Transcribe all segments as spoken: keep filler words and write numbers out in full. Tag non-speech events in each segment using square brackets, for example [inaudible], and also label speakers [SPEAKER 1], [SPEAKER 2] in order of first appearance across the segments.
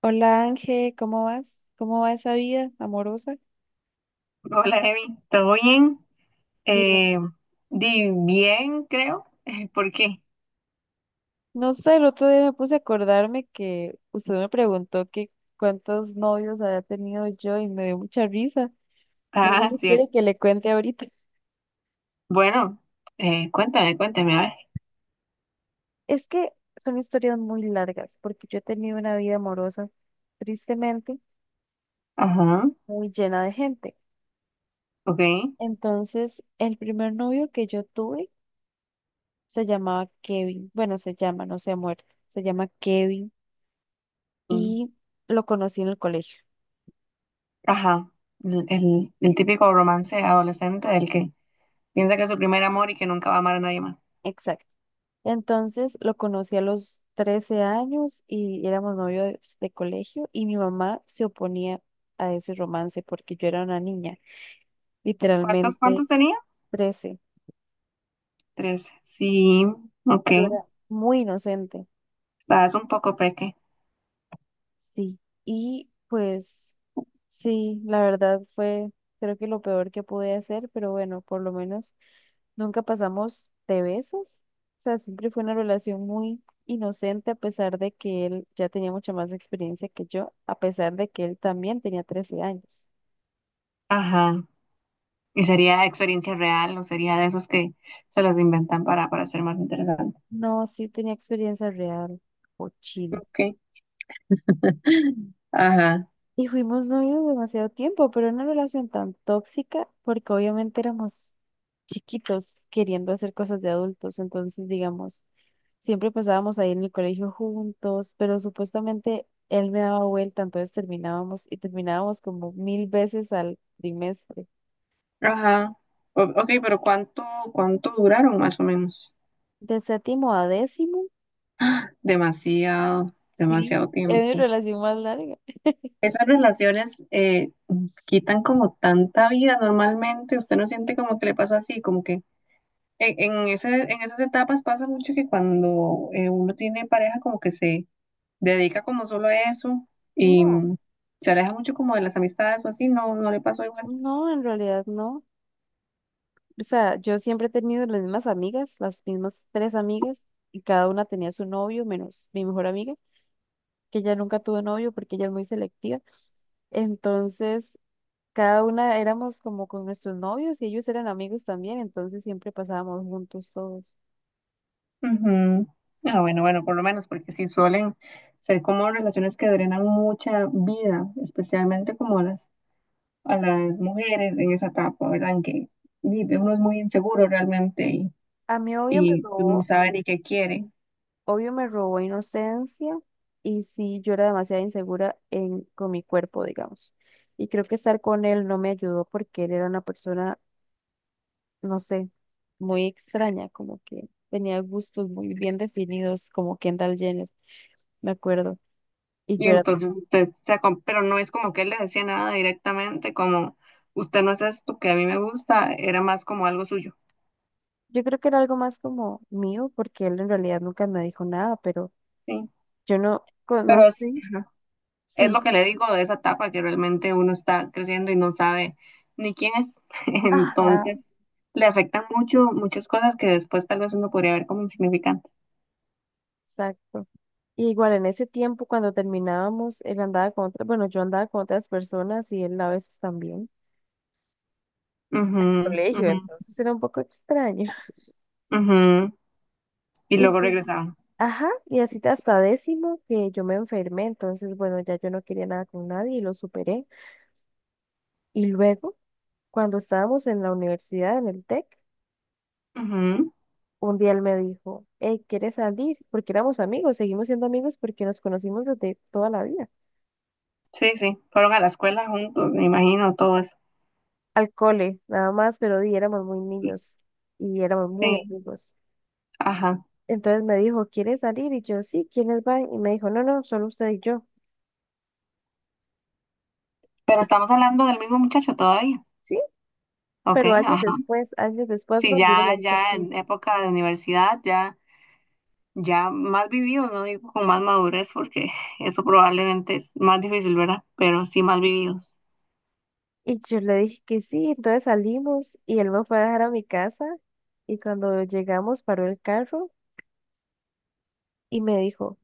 [SPEAKER 1] Hola Ángel, ¿cómo vas? ¿Cómo va esa vida amorosa?
[SPEAKER 2] Hola, Evi. ¿Todo bien?
[SPEAKER 1] Bien.
[SPEAKER 2] Eh, Di bien, creo. [laughs] Eh, ¿Por qué?
[SPEAKER 1] No sé, el otro día me puse a acordarme que usted me preguntó que cuántos novios había tenido yo y me dio mucha risa. No sé
[SPEAKER 2] Ah,
[SPEAKER 1] si quiere que
[SPEAKER 2] cierto.
[SPEAKER 1] le cuente ahorita.
[SPEAKER 2] Bueno, eh, cuéntame, cuéntame, a ver.
[SPEAKER 1] Es que son historias muy largas porque yo he tenido una vida amorosa, tristemente,
[SPEAKER 2] Ajá,
[SPEAKER 1] muy llena de gente.
[SPEAKER 2] ok.
[SPEAKER 1] Entonces, el primer novio que yo tuve se llamaba Kevin. Bueno, se llama, no se ha muerto. Se llama Kevin
[SPEAKER 2] Mm,
[SPEAKER 1] y lo conocí en el colegio.
[SPEAKER 2] ajá. El, el- el típico romance adolescente del que piensa que es su primer amor y que nunca va a amar a nadie más.
[SPEAKER 1] Exacto. Entonces lo conocí a los trece años y éramos novios de colegio y mi mamá se oponía a ese romance porque yo era una niña,
[SPEAKER 2] ¿Cuántos, cuántos
[SPEAKER 1] literalmente
[SPEAKER 2] tenía?
[SPEAKER 1] trece,
[SPEAKER 2] Tres. Sí, ok.
[SPEAKER 1] pero era muy inocente.
[SPEAKER 2] Estabas un poco peque.
[SPEAKER 1] Sí, y pues sí, la verdad fue, creo que lo peor que pude hacer, pero bueno, por lo menos nunca pasamos de besos. O sea, siempre fue una relación muy inocente, a pesar de que él ya tenía mucha más experiencia que yo, a pesar de que él también tenía trece años.
[SPEAKER 2] Ajá. ¿Y sería experiencia real o sería de esos que se los inventan para, para ser más interesante?
[SPEAKER 1] No, sí tenía experiencia real, o
[SPEAKER 2] Ok. [laughs] Ajá.
[SPEAKER 1] y fuimos novios demasiado tiempo, pero una relación tan tóxica porque obviamente éramos chiquitos queriendo hacer cosas de adultos. Entonces, digamos, siempre pasábamos ahí en el colegio juntos, pero supuestamente él me daba vuelta, entonces terminábamos y terminábamos como mil veces al trimestre.
[SPEAKER 2] Ajá. O- ok, pero ¿cuánto, cuánto duraron más o menos?
[SPEAKER 1] De séptimo a décimo,
[SPEAKER 2] Demasiado,
[SPEAKER 1] sí,
[SPEAKER 2] demasiado
[SPEAKER 1] es mi
[SPEAKER 2] tiempo.
[SPEAKER 1] relación más larga.
[SPEAKER 2] Esas relaciones eh, quitan como tanta vida normalmente. Usted no siente como que le pasa así, como que en, en ese, en esas etapas pasa mucho que cuando eh, uno tiene pareja como que se dedica como solo a eso y
[SPEAKER 1] No.
[SPEAKER 2] mm, se aleja mucho como de las amistades o así, no, no le pasó igual.
[SPEAKER 1] No, en realidad no. O sea, yo siempre he tenido las mismas amigas, las mismas tres amigas, y cada una tenía su novio, menos mi mejor amiga, que ella nunca tuvo novio porque ella es muy selectiva. Entonces, cada una éramos como con nuestros novios y ellos eran amigos también, entonces siempre pasábamos juntos todos.
[SPEAKER 2] Ujú. Ah, bueno, bueno, por lo menos, porque sí suelen ser como relaciones que drenan mucha vida, especialmente como a las, a las mujeres en esa etapa, ¿verdad? En que di- uno es muy inseguro realmente y,
[SPEAKER 1] A mí obvio me
[SPEAKER 2] y no
[SPEAKER 1] robó,
[SPEAKER 2] sabe ni qué quiere.
[SPEAKER 1] obvio me robó inocencia y sí, yo era demasiado insegura en, con mi cuerpo, digamos. Y creo que estar con él no me ayudó porque él era una persona no sé, muy extraña, como que tenía gustos muy bien definidos, como Kendall Jenner, me acuerdo. Y
[SPEAKER 2] Y
[SPEAKER 1] yo era,
[SPEAKER 2] entonces usted se acom- pero no es como que él le decía nada directamente, como usted no es esto que a mí me gusta, era más como algo suyo,
[SPEAKER 1] yo creo que era algo más como mío, porque él en realidad nunca me dijo nada, pero
[SPEAKER 2] ¿sí?
[SPEAKER 1] yo no
[SPEAKER 2] Pero
[SPEAKER 1] conocí,
[SPEAKER 2] es
[SPEAKER 1] sí,
[SPEAKER 2] lo que le digo de esa etapa que realmente uno está creciendo y no sabe ni quién es. [laughs]
[SPEAKER 1] ajá,
[SPEAKER 2] Entonces, le afectan mucho muchas cosas que después tal vez uno podría ver como insignificantes.
[SPEAKER 1] exacto. Y igual en ese tiempo cuando terminábamos, él andaba con otras, bueno, yo andaba con otras personas y él a veces también,
[SPEAKER 2] Ujú,
[SPEAKER 1] colegio,
[SPEAKER 2] ujú,
[SPEAKER 1] entonces era un poco extraño.
[SPEAKER 2] ujú.
[SPEAKER 1] [laughs]
[SPEAKER 2] Y
[SPEAKER 1] Y
[SPEAKER 2] luego regresaban.
[SPEAKER 1] Ajá, y así hasta décimo que yo me enfermé, entonces bueno, ya yo no quería nada con nadie y lo superé. Y luego, cuando estábamos en la universidad, en el TEC,
[SPEAKER 2] Ujú.
[SPEAKER 1] un día él me dijo, hey, ¿quieres salir? Porque éramos amigos, seguimos siendo amigos porque nos conocimos desde toda la vida.
[SPEAKER 2] Sí, sí, fueron a la escuela juntos, me imagino, todo eso.
[SPEAKER 1] Al cole, nada más, pero di, éramos muy niños y éramos muy
[SPEAKER 2] Sí,
[SPEAKER 1] amigos.
[SPEAKER 2] ajá.
[SPEAKER 1] Entonces me dijo, ¿quieres salir? Y yo, sí, ¿quiénes van? Y me dijo, no, no, solo usted y yo.
[SPEAKER 2] Pero
[SPEAKER 1] y
[SPEAKER 2] estamos hablando del mismo muchacho todavía.
[SPEAKER 1] Sí,
[SPEAKER 2] Ok,
[SPEAKER 1] pero años
[SPEAKER 2] ajá.
[SPEAKER 1] después, años después,
[SPEAKER 2] Sí,
[SPEAKER 1] cuando iba a
[SPEAKER 2] ya,
[SPEAKER 1] los TEC.
[SPEAKER 2] ya en época de universidad, ya. Ya más vividos, no digo con más madurez, porque [laughs] eso probablemente es más difícil, ¿verdad? Pero sí más vividos.
[SPEAKER 1] Y yo le dije que sí, entonces salimos y él me fue a dejar a mi casa y cuando llegamos paró el carro y me dijo,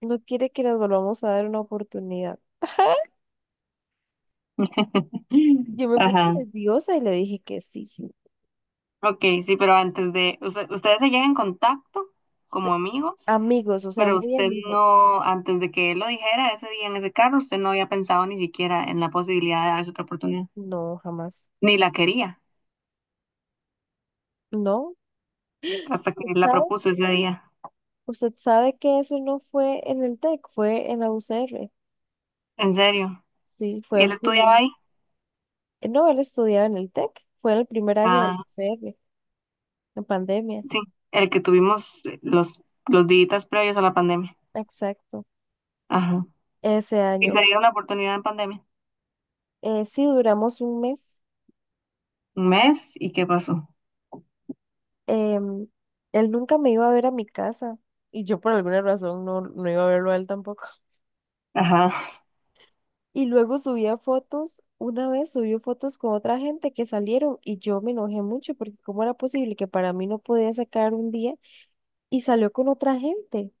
[SPEAKER 1] ¿no quiere que nos volvamos a dar una oportunidad? [laughs]
[SPEAKER 2] [laughs]
[SPEAKER 1] Yo me puse
[SPEAKER 2] Ajá.
[SPEAKER 1] nerviosa y le dije que sí.
[SPEAKER 2] Ok, sí, pero antes de, usted- ustedes se llegan en contacto
[SPEAKER 1] Sí,
[SPEAKER 2] como amigos,
[SPEAKER 1] amigos, o sea,
[SPEAKER 2] pero
[SPEAKER 1] muy
[SPEAKER 2] usted
[SPEAKER 1] amigos.
[SPEAKER 2] no, antes de que él lo dijera ese día en ese carro, usted no había pensado ni siquiera en la posibilidad de darse otra oportunidad,
[SPEAKER 1] No, jamás.
[SPEAKER 2] ni la quería,
[SPEAKER 1] No.
[SPEAKER 2] hasta que
[SPEAKER 1] ¿Usted
[SPEAKER 2] él la
[SPEAKER 1] sabe?
[SPEAKER 2] propuso ese día.
[SPEAKER 1] ¿Usted sabe que eso no fue en el TEC, fue en la U C R?
[SPEAKER 2] ¿En serio?
[SPEAKER 1] Sí, fue
[SPEAKER 2] ¿Y él
[SPEAKER 1] el
[SPEAKER 2] estudiaba
[SPEAKER 1] primer...
[SPEAKER 2] ahí?
[SPEAKER 1] No, él estudiaba en el TEC, fue en el primer año de la
[SPEAKER 2] Ah,
[SPEAKER 1] U C R, en pandemia.
[SPEAKER 2] sí, el que tuvimos los, los días previos a la pandemia.
[SPEAKER 1] Exacto,
[SPEAKER 2] Ajá.
[SPEAKER 1] ese
[SPEAKER 2] Y
[SPEAKER 1] año.
[SPEAKER 2] se dieron la oportunidad en pandemia.
[SPEAKER 1] Eh, sí, duramos un mes.
[SPEAKER 2] Un mes y qué pasó.
[SPEAKER 1] Em, Él nunca me iba a ver a mi casa y yo por alguna razón no, no iba a verlo a él tampoco.
[SPEAKER 2] Ajá.
[SPEAKER 1] Y luego subía fotos, una vez subió fotos con otra gente que salieron y yo me enojé mucho porque cómo era posible que para mí no podía sacar un día y salió con otra gente.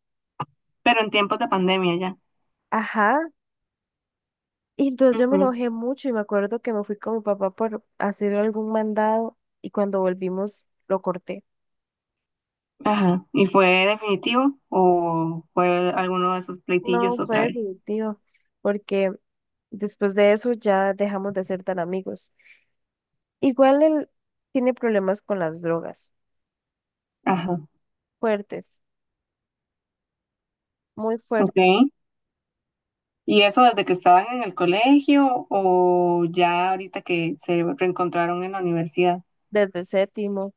[SPEAKER 2] Pero en tiempos de pandemia ya.
[SPEAKER 1] Ajá. Y entonces yo me
[SPEAKER 2] Ujú.
[SPEAKER 1] enojé mucho y me acuerdo que me fui con mi papá por hacer algún mandado y cuando volvimos lo corté.
[SPEAKER 2] Ajá. ¿Y fue definitivo o fue alguno de esos
[SPEAKER 1] No,
[SPEAKER 2] pleitillos
[SPEAKER 1] fue
[SPEAKER 2] otra vez?
[SPEAKER 1] definitivo, porque después de eso ya dejamos de ser tan amigos. Igual él tiene problemas con las drogas,
[SPEAKER 2] Ajá.
[SPEAKER 1] fuertes, muy fuertes,
[SPEAKER 2] Ok. ¿Y eso desde que estaban en el colegio o ya ahorita que se reencontraron en la universidad?
[SPEAKER 1] desde séptimo,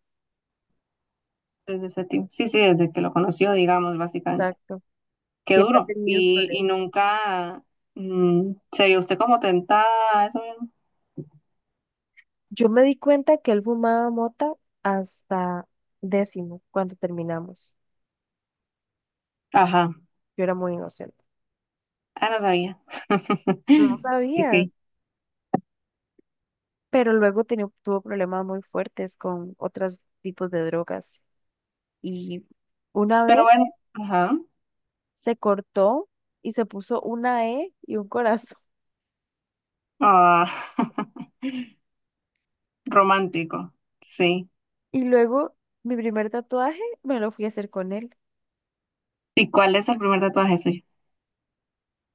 [SPEAKER 2] Desde ese tiempo. Sí, sí, desde que lo conoció, digamos, básicamente.
[SPEAKER 1] exacto.
[SPEAKER 2] Qué
[SPEAKER 1] Siempre ha
[SPEAKER 2] duro.
[SPEAKER 1] tenido
[SPEAKER 2] Y, y
[SPEAKER 1] problemas.
[SPEAKER 2] nunca mm, se vio usted como tentada a eso mismo.
[SPEAKER 1] Yo me di cuenta que él fumaba mota hasta décimo, cuando terminamos.
[SPEAKER 2] Ajá.
[SPEAKER 1] Yo era muy inocente.
[SPEAKER 2] Ah, no sabía.
[SPEAKER 1] No
[SPEAKER 2] [laughs] Ok.
[SPEAKER 1] sabía, pero luego tenía- tuvo problemas muy fuertes con otros tipos de drogas. Y una
[SPEAKER 2] Pero bueno,
[SPEAKER 1] vez...
[SPEAKER 2] ajá.
[SPEAKER 1] se cortó y se puso una E y un corazón. [laughs]
[SPEAKER 2] Ah, [laughs] romántico. Sí.
[SPEAKER 1] Y luego mi primer tatuaje me lo fui a hacer con él,
[SPEAKER 2] ¿Y cuál es el primer tatuaje suyo?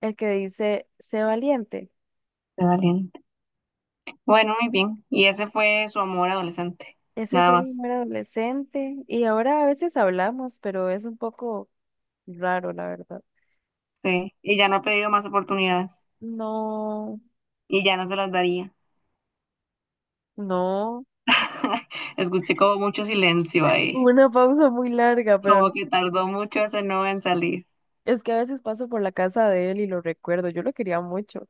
[SPEAKER 1] el que dice, sé valiente.
[SPEAKER 2] De valiente. Bueno, muy bien. Y ese fue su amor adolescente.
[SPEAKER 1] Ese
[SPEAKER 2] Nada
[SPEAKER 1] fue mi
[SPEAKER 2] más.
[SPEAKER 1] primer adolescente y ahora a veces hablamos, pero es un poco raro, la verdad.
[SPEAKER 2] Sí. Y ya no ha pedido más oportunidades.
[SPEAKER 1] No,
[SPEAKER 2] Y ya no se las daría.
[SPEAKER 1] no,
[SPEAKER 2] [laughs] Escuché como mucho silencio ahí.
[SPEAKER 1] hubo una pausa muy larga, pero
[SPEAKER 2] Como que tardó mucho ese no en salir.
[SPEAKER 1] es que a veces paso por la casa de él y lo recuerdo, yo lo quería mucho.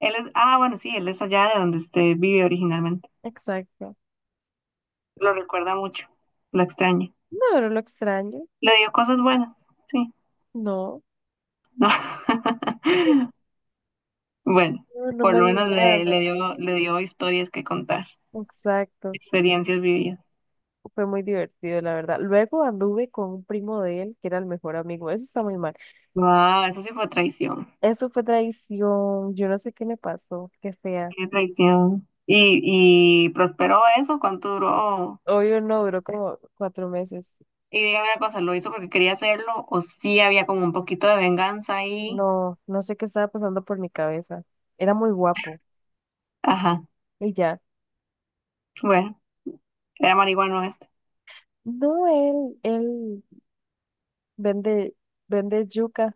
[SPEAKER 2] Él es, ah, bueno, sí, él es allá de donde usted vive originalmente.
[SPEAKER 1] Exacto.
[SPEAKER 2] Lo recuerda mucho. Lo extraña.
[SPEAKER 1] No, no lo extraño,
[SPEAKER 2] Le dio cosas buenas. Sí.
[SPEAKER 1] no,
[SPEAKER 2] [laughs] Bueno,
[SPEAKER 1] no, no
[SPEAKER 2] por
[SPEAKER 1] me
[SPEAKER 2] lo
[SPEAKER 1] dio
[SPEAKER 2] menos
[SPEAKER 1] nada en
[SPEAKER 2] le, le
[SPEAKER 1] realidad.
[SPEAKER 2] dio, le dio historias que contar,
[SPEAKER 1] Exacto.
[SPEAKER 2] experiencias vividas.
[SPEAKER 1] Fue muy divertido, la verdad. Luego anduve con un primo de él, que era el mejor amigo. Eso está muy mal.
[SPEAKER 2] Wow, eso sí fue traición.
[SPEAKER 1] Eso fue traición. Yo no sé qué me pasó. Qué fea.
[SPEAKER 2] Qué traición. ¿Y, y prosperó eso? ¿Cuánto duró?
[SPEAKER 1] Obvio no, duró como cuatro meses.
[SPEAKER 2] Y dígame una cosa, ¿lo hizo porque quería hacerlo o sí había como un poquito de venganza ahí?
[SPEAKER 1] No, no sé qué estaba pasando por mi cabeza. Era muy guapo.
[SPEAKER 2] Ajá,
[SPEAKER 1] Y ya.
[SPEAKER 2] bueno, era marihuano este.
[SPEAKER 1] No, él, él vende, vende yuca,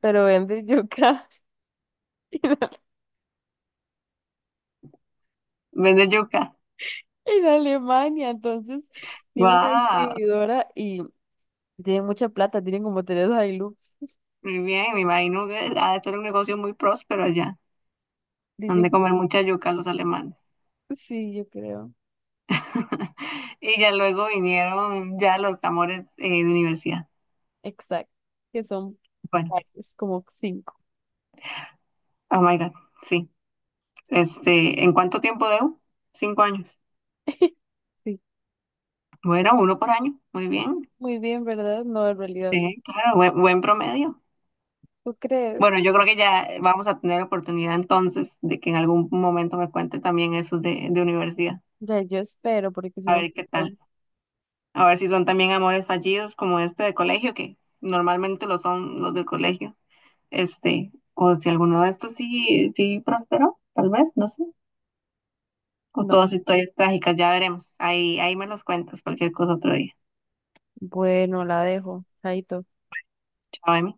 [SPEAKER 1] pero vende yuca [laughs] en,
[SPEAKER 2] Vende yuca.
[SPEAKER 1] en Alemania. Entonces, tiene una
[SPEAKER 2] Wow,
[SPEAKER 1] distribuidora y tiene mucha plata. Tienen como tres Hilux. [laughs]
[SPEAKER 2] muy bien, me imagino que ha de ser un negocio muy próspero allá. Han de
[SPEAKER 1] Dicen,
[SPEAKER 2] comer mucha yuca los alemanes.
[SPEAKER 1] sí, yo creo.
[SPEAKER 2] [laughs] Y ya luego vinieron ya los amores eh, de universidad.
[SPEAKER 1] Exacto, que son
[SPEAKER 2] Bueno,
[SPEAKER 1] varios, como cinco.
[SPEAKER 2] oh my God, sí. Este, ¿en cuánto tiempo debo? Cinco años.
[SPEAKER 1] [laughs] Sí,
[SPEAKER 2] Bueno, uno por año. Muy bien.
[SPEAKER 1] muy bien, ¿verdad? No, en realidad,
[SPEAKER 2] Sí, claro, buen, buen promedio.
[SPEAKER 1] ¿tú crees?
[SPEAKER 2] Bueno, yo creo que ya vamos a tener oportunidad entonces de que en algún momento me cuente también esos de, de universidad.
[SPEAKER 1] Ya, yo espero, porque si
[SPEAKER 2] A
[SPEAKER 1] no,
[SPEAKER 2] ver qué tal. A ver si son también amores fallidos como este de colegio, que normalmente lo son los de colegio. Este, o si alguno de estos sí, sí prosperó, tal vez, no sé. O
[SPEAKER 1] no.
[SPEAKER 2] todas sus historias trágicas, ya veremos. Ahí, ahí me los cuentas cualquier cosa otro día.
[SPEAKER 1] Bueno, la dejo. Chaito.
[SPEAKER 2] Chao, Emi.